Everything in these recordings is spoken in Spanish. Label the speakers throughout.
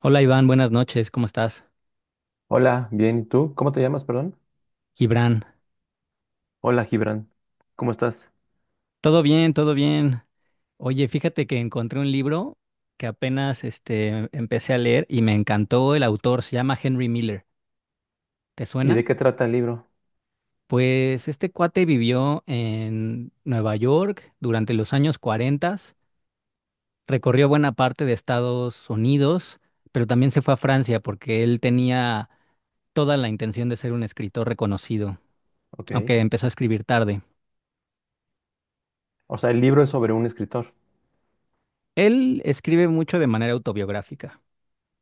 Speaker 1: Hola Iván, buenas noches, ¿cómo estás?
Speaker 2: Hola, bien, ¿y tú? ¿Cómo te llamas, perdón?
Speaker 1: Gibran,
Speaker 2: Hola, Gibran. ¿Cómo estás?
Speaker 1: todo bien, todo bien. Oye, fíjate que encontré un libro que apenas empecé a leer y me encantó el autor, se llama Henry Miller. ¿Te
Speaker 2: ¿Y
Speaker 1: suena?
Speaker 2: de qué trata el libro?
Speaker 1: Pues este cuate vivió en Nueva York durante los años 40, recorrió buena parte de Estados Unidos, pero también se fue a Francia porque él tenía toda la intención de ser un escritor reconocido,
Speaker 2: Ok.
Speaker 1: aunque empezó a escribir tarde.
Speaker 2: O sea, el libro es sobre un escritor.
Speaker 1: Él escribe mucho de manera autobiográfica.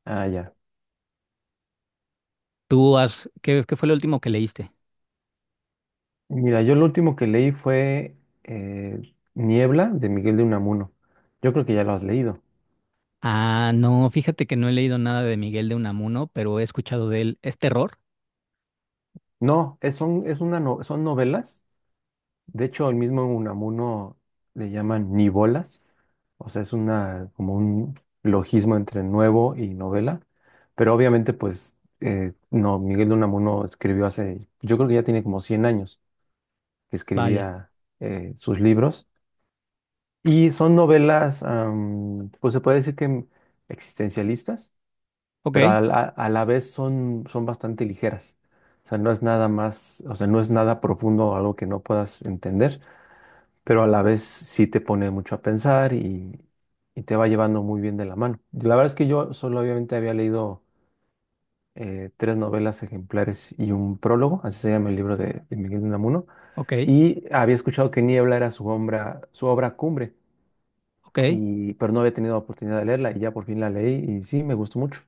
Speaker 2: Ah, ya.
Speaker 1: ¿Tú qué fue lo último que leíste?
Speaker 2: Mira, yo lo último que leí fue eh, Niebla de Miguel de Unamuno. Yo creo que ya lo has leído.
Speaker 1: Ah, no, fíjate que no he leído nada de Miguel de Unamuno, pero he escuchado de él. ¿Es terror?
Speaker 2: No, es, son, es una no- son novelas. De hecho, el mismo Unamuno le llaman nivolas. O sea, es una como un logismo entre nuevo y novela, pero obviamente pues no, Miguel de Unamuno escribió hace, yo creo que ya tiene como 100 años que
Speaker 1: Vaya.
Speaker 2: escribía sus libros y son novelas, pues se puede decir que existencialistas,
Speaker 1: Ok,
Speaker 2: pero a la vez son bastante ligeras. O sea, no es nada más, o sea, no es nada profundo o algo que no puedas entender, pero a la vez sí te pone mucho a pensar y te va llevando muy bien de la mano. La verdad es que yo solo obviamente había leído Tres novelas ejemplares y un prólogo, así se llama el libro de Miguel de Unamuno,
Speaker 1: ok,
Speaker 2: y había escuchado que Niebla era su obra cumbre,
Speaker 1: ok.
Speaker 2: y pero no había tenido oportunidad de leerla y ya por fin la leí y sí, me gustó mucho.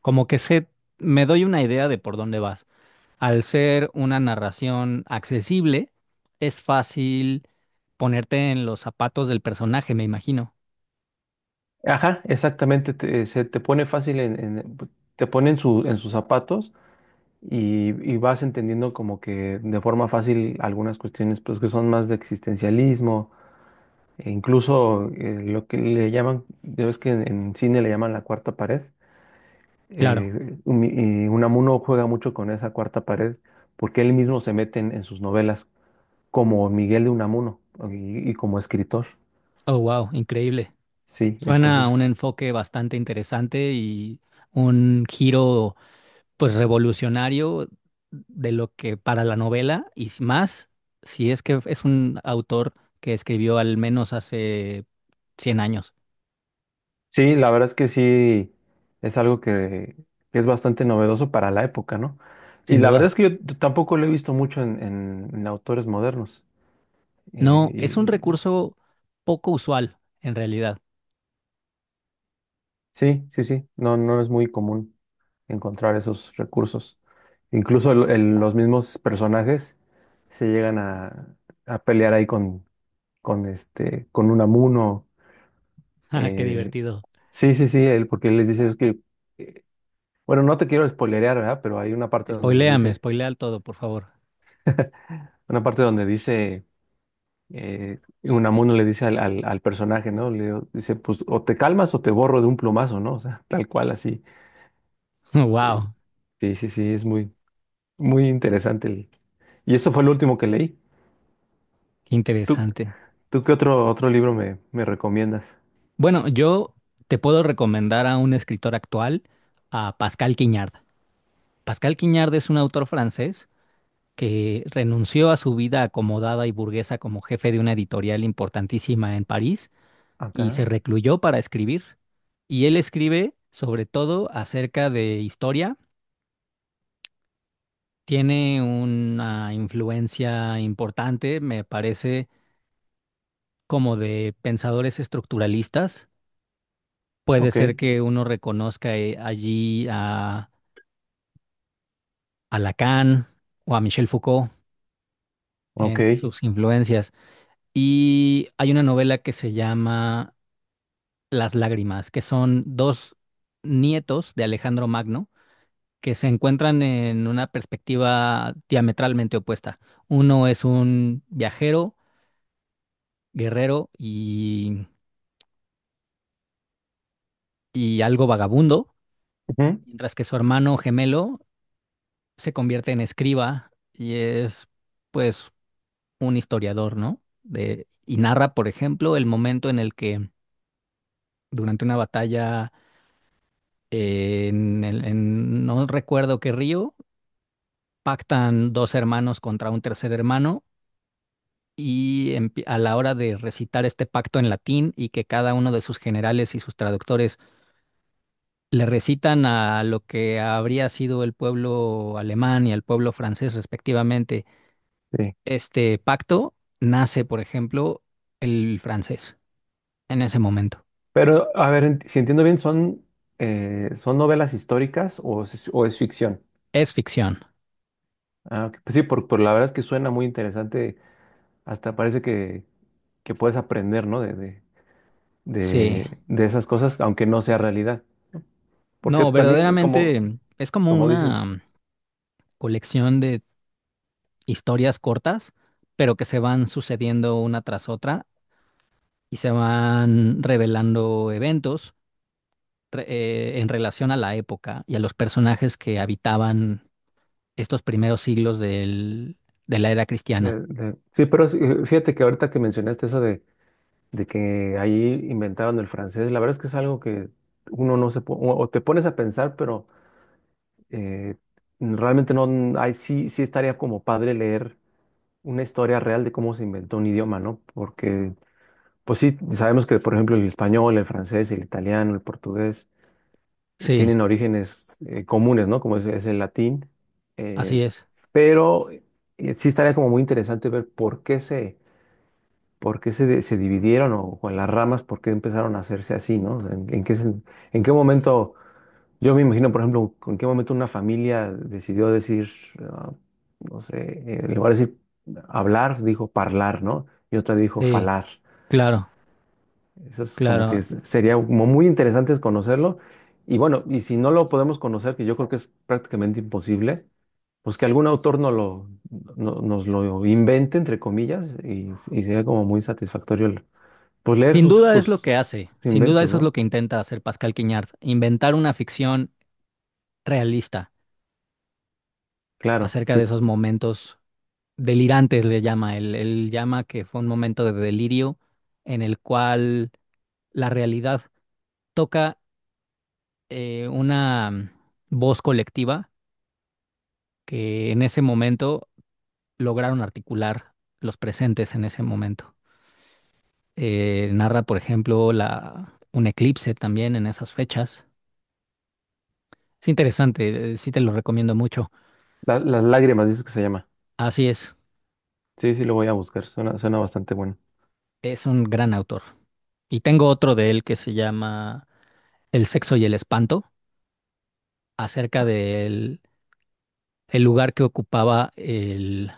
Speaker 1: Como que sé, me doy una idea de por dónde vas. Al ser una narración accesible, es fácil ponerte en los zapatos del personaje, me imagino.
Speaker 2: Ajá, exactamente, se te pone fácil te pone en sus zapatos, y vas entendiendo como que de forma fácil algunas cuestiones, pues, que son más de existencialismo, e incluso lo que le llaman, ya ves que en cine le llaman la cuarta pared.
Speaker 1: Claro.
Speaker 2: Y Unamuno juega mucho con esa cuarta pared porque él mismo se mete en sus novelas como Miguel de Unamuno, y como escritor,
Speaker 1: Oh, wow, increíble.
Speaker 2: sí,
Speaker 1: Suena a un
Speaker 2: entonces.
Speaker 1: enfoque bastante interesante y un giro, pues revolucionario de lo que para la novela y más, si es que es un autor que escribió al menos hace 100 años,
Speaker 2: Sí, la verdad es que sí, es algo que es bastante novedoso para la época, ¿no? Y
Speaker 1: sin
Speaker 2: la verdad es
Speaker 1: duda.
Speaker 2: que yo tampoco lo he visto mucho en autores modernos.
Speaker 1: No, es un
Speaker 2: Y
Speaker 1: recurso poco usual en realidad.
Speaker 2: sí, sí, sí, no, no es muy común encontrar esos recursos. Incluso los mismos personajes se llegan a pelear ahí con Unamuno.
Speaker 1: Ah, qué
Speaker 2: eh,
Speaker 1: divertido.
Speaker 2: sí, sí, sí, porque él les dice es que, eh, bueno, no te quiero spoilerear, ¿verdad? Pero hay una parte donde les
Speaker 1: Spoiléame,
Speaker 2: dice.
Speaker 1: spoilea todo, por favor.
Speaker 2: Una parte donde dice, Unamuno le dice al personaje, ¿no? Dice, pues o te calmas o te borro de un plumazo, ¿no? O sea, tal cual así. Eh,
Speaker 1: Wow,
Speaker 2: sí, sí, sí, es muy, muy interesante. Y eso fue el último que leí.
Speaker 1: qué
Speaker 2: ¿Tú,
Speaker 1: interesante.
Speaker 2: tú qué otro libro me recomiendas?
Speaker 1: Bueno, yo te puedo recomendar a un escritor actual, a Pascal Quignard. Pascal Quignard es un autor francés que renunció a su vida acomodada y burguesa como jefe de una editorial importantísima en París y
Speaker 2: Acá.
Speaker 1: se recluyó para escribir. Y él escribe sobre todo acerca de historia. Tiene una influencia importante, me parece, como de pensadores estructuralistas. Puede
Speaker 2: Ok,
Speaker 1: ser que uno reconozca allí a Lacan o a Michel Foucault en
Speaker 2: ok.
Speaker 1: sus influencias. Y hay una novela que se llama Las Lágrimas, que son dos nietos de Alejandro Magno que se encuentran en una perspectiva diametralmente opuesta. Uno es un viajero, guerrero y algo vagabundo,
Speaker 2: Ujú,
Speaker 1: mientras que su hermano gemelo se convierte en escriba y es, pues, un historiador, ¿no? De, y narra, por ejemplo, el momento en el que durante una batalla, en no recuerdo qué río, pactan dos hermanos contra un tercer hermano y a la hora de recitar este pacto en latín y que cada uno de sus generales y sus traductores le recitan a lo que habría sido el pueblo alemán y al pueblo francés respectivamente,
Speaker 2: sí.
Speaker 1: este pacto nace, por ejemplo, el francés en ese momento.
Speaker 2: Pero, a ver, si entiendo bien, ¿son novelas históricas o es ficción?
Speaker 1: Es ficción,
Speaker 2: Ah, ok. Pues sí, por la verdad es que suena muy interesante. Hasta parece que puedes aprender, ¿no? De, de,
Speaker 1: sí.
Speaker 2: de, de esas cosas, aunque no sea realidad. Porque
Speaker 1: No,
Speaker 2: también, como,
Speaker 1: verdaderamente es como
Speaker 2: como dices,
Speaker 1: una colección de historias cortas, pero que se van sucediendo una tras otra y se van revelando eventos, en relación a la época y a los personajes que habitaban estos primeros siglos de la era cristiana.
Speaker 2: sí, pero sí, fíjate que ahorita que mencionaste eso de que ahí inventaron el francés, la verdad es que es algo que uno no se, o te pones a pensar, pero eh, realmente no, ahí sí, sí estaría como padre leer una historia real de cómo se inventó un idioma, ¿no? Porque, pues sí, sabemos que, por ejemplo, el español, el francés, el italiano, el portugués
Speaker 1: Sí,
Speaker 2: tienen orígenes comunes, ¿no? Como es el latín. eh,
Speaker 1: así es.
Speaker 2: pero sí estaría como muy interesante ver por qué se dividieron o en las ramas, por qué empezaron a hacerse así, ¿no? O sea, en qué momento, yo me imagino, por ejemplo, en qué momento una familia decidió decir, ah, no sé, en lugar de decir hablar, dijo parlar, ¿no? Y otra dijo
Speaker 1: Sí,
Speaker 2: falar.
Speaker 1: claro,
Speaker 2: Eso es como que
Speaker 1: claro.
Speaker 2: sería como muy interesante es conocerlo. Y bueno, y si no lo podemos conocer, que yo creo que es prácticamente imposible, pues que algún autor no lo, no- nos lo invente, entre comillas, y sería como muy satisfactorio pues leer
Speaker 1: Sin
Speaker 2: sus,
Speaker 1: duda es lo
Speaker 2: sus,
Speaker 1: que
Speaker 2: sus
Speaker 1: hace, sin duda
Speaker 2: inventos,
Speaker 1: eso es lo
Speaker 2: ¿no?
Speaker 1: que intenta hacer Pascal Quiñard, inventar una ficción realista
Speaker 2: Claro,
Speaker 1: acerca de
Speaker 2: sí.
Speaker 1: esos momentos delirantes, le llama. Él llama que fue un momento de delirio en el cual la realidad toca, una voz colectiva que en ese momento lograron articular los presentes en ese momento. Narra, por ejemplo, un eclipse también en esas fechas. Es interesante, sí te lo recomiendo mucho.
Speaker 2: Las lágrimas, dices que se llama.
Speaker 1: Así
Speaker 2: Sí, sí, lo voy a buscar. Suena bastante bueno.
Speaker 1: es un gran autor. Y tengo otro de él que se llama El sexo y el espanto, acerca del el lugar que ocupaba el,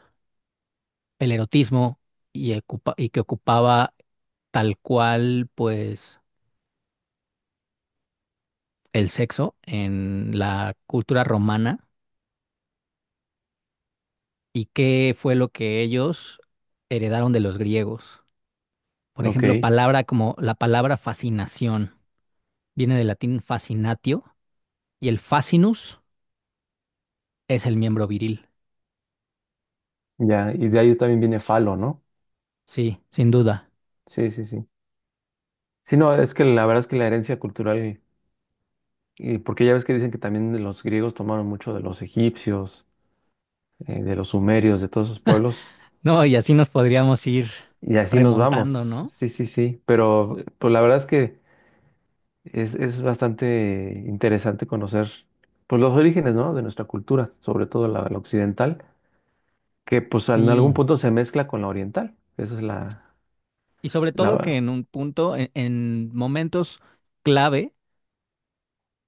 Speaker 1: el erotismo y que ocupaba, tal cual, pues, el sexo en la cultura romana y qué fue lo que ellos heredaron de los griegos. Por
Speaker 2: Ok,
Speaker 1: ejemplo, palabra como la palabra fascinación viene del latín fascinatio y el fascinus es el miembro viril.
Speaker 2: ya. Y de ahí también viene Falo, ¿no?
Speaker 1: Sí, sin duda.
Speaker 2: Sí, sí, sí. Sí, no, es que la verdad es que la herencia cultural. Y porque ya ves que dicen que también los griegos tomaron mucho de los egipcios, de los sumerios, de todos esos pueblos,
Speaker 1: No, y así nos podríamos ir
Speaker 2: y así nos
Speaker 1: remontando,
Speaker 2: vamos.
Speaker 1: ¿no?
Speaker 2: Sí, sí, sí, pero pues la verdad es que es bastante interesante conocer, pues, los orígenes, ¿no?, de nuestra cultura, sobre todo la occidental, que pues en algún
Speaker 1: Sí.
Speaker 2: punto se mezcla con la oriental. Esa es la,
Speaker 1: Y sobre todo que
Speaker 2: la...
Speaker 1: en un punto, en momentos clave,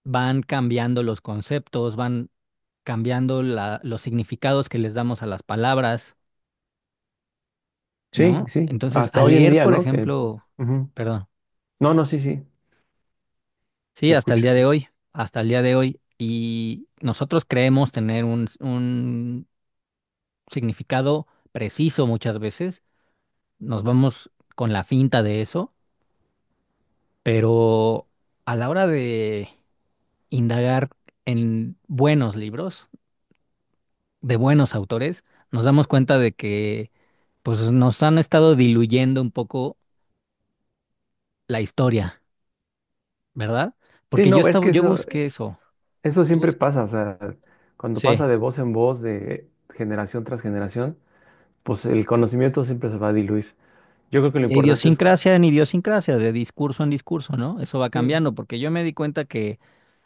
Speaker 1: van cambiando los conceptos, van cambiando los significados que les damos a las palabras,
Speaker 2: Sí,
Speaker 1: ¿no?
Speaker 2: sí,
Speaker 1: Entonces,
Speaker 2: hasta
Speaker 1: al
Speaker 2: hoy en
Speaker 1: leer,
Speaker 2: día,
Speaker 1: por
Speaker 2: ¿no? Que.
Speaker 1: ejemplo,
Speaker 2: Ujú.
Speaker 1: perdón,
Speaker 2: No, no, sí, sí,
Speaker 1: sí,
Speaker 2: te
Speaker 1: hasta el
Speaker 2: escucho.
Speaker 1: día de hoy, hasta el día de hoy, y nosotros creemos tener un significado preciso muchas veces, nos vamos con la finta de eso, pero a la hora de indagar en buenos libros, de buenos autores, nos damos cuenta de que pues nos han estado diluyendo un poco la historia, ¿verdad?
Speaker 2: Sí,
Speaker 1: Porque
Speaker 2: no, es que
Speaker 1: yo
Speaker 2: eso,
Speaker 1: busqué eso,
Speaker 2: Eso
Speaker 1: yo
Speaker 2: siempre
Speaker 1: busqué,
Speaker 2: pasa, o sea, cuando
Speaker 1: sí,
Speaker 2: pasa de voz en voz, de generación tras generación, pues el conocimiento siempre se va a diluir. Yo creo que
Speaker 1: y
Speaker 2: lo
Speaker 1: de
Speaker 2: importante es,
Speaker 1: idiosincrasia en idiosincrasia, de discurso en discurso, ¿no? Eso va
Speaker 2: sí,
Speaker 1: cambiando, porque yo me di cuenta que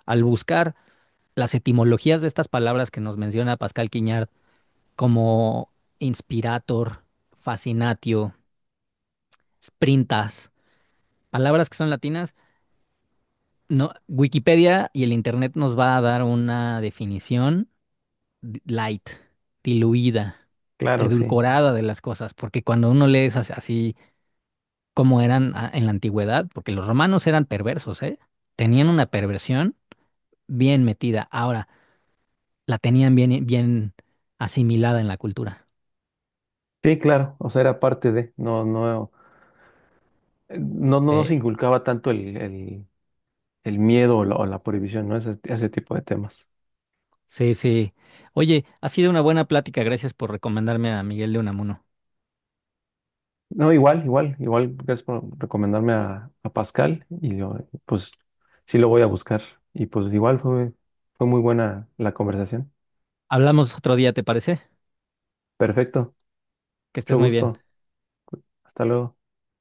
Speaker 1: al buscar las etimologías de estas palabras que nos menciona Pascal Quiñard, como inspirator, fascinatio, sprintas, palabras que son latinas, no, Wikipedia y el Internet nos va a dar una definición light, diluida,
Speaker 2: claro, sí.
Speaker 1: edulcorada de las cosas, porque cuando uno lee así como eran en la antigüedad, porque los romanos eran perversos, ¿eh? Tenían una perversión bien metida, ahora la tenían bien, bien asimilada en la cultura.
Speaker 2: Sí, claro, o sea, era parte de, no, no, no, no
Speaker 1: Eh,
Speaker 2: nos inculcaba tanto el miedo o la prohibición, ¿no? Ese tipo de temas.
Speaker 1: sí, sí. Oye, ha sido una buena plática, gracias por recomendarme a Miguel de Unamuno.
Speaker 2: No, igual, igual, igual, gracias por recomendarme a Pascal y yo, pues sí lo voy a buscar. Y pues igual fue muy buena la conversación.
Speaker 1: Hablamos otro día, ¿te parece?
Speaker 2: Perfecto,
Speaker 1: Que
Speaker 2: mucho
Speaker 1: estés muy bien.
Speaker 2: gusto. Hasta luego.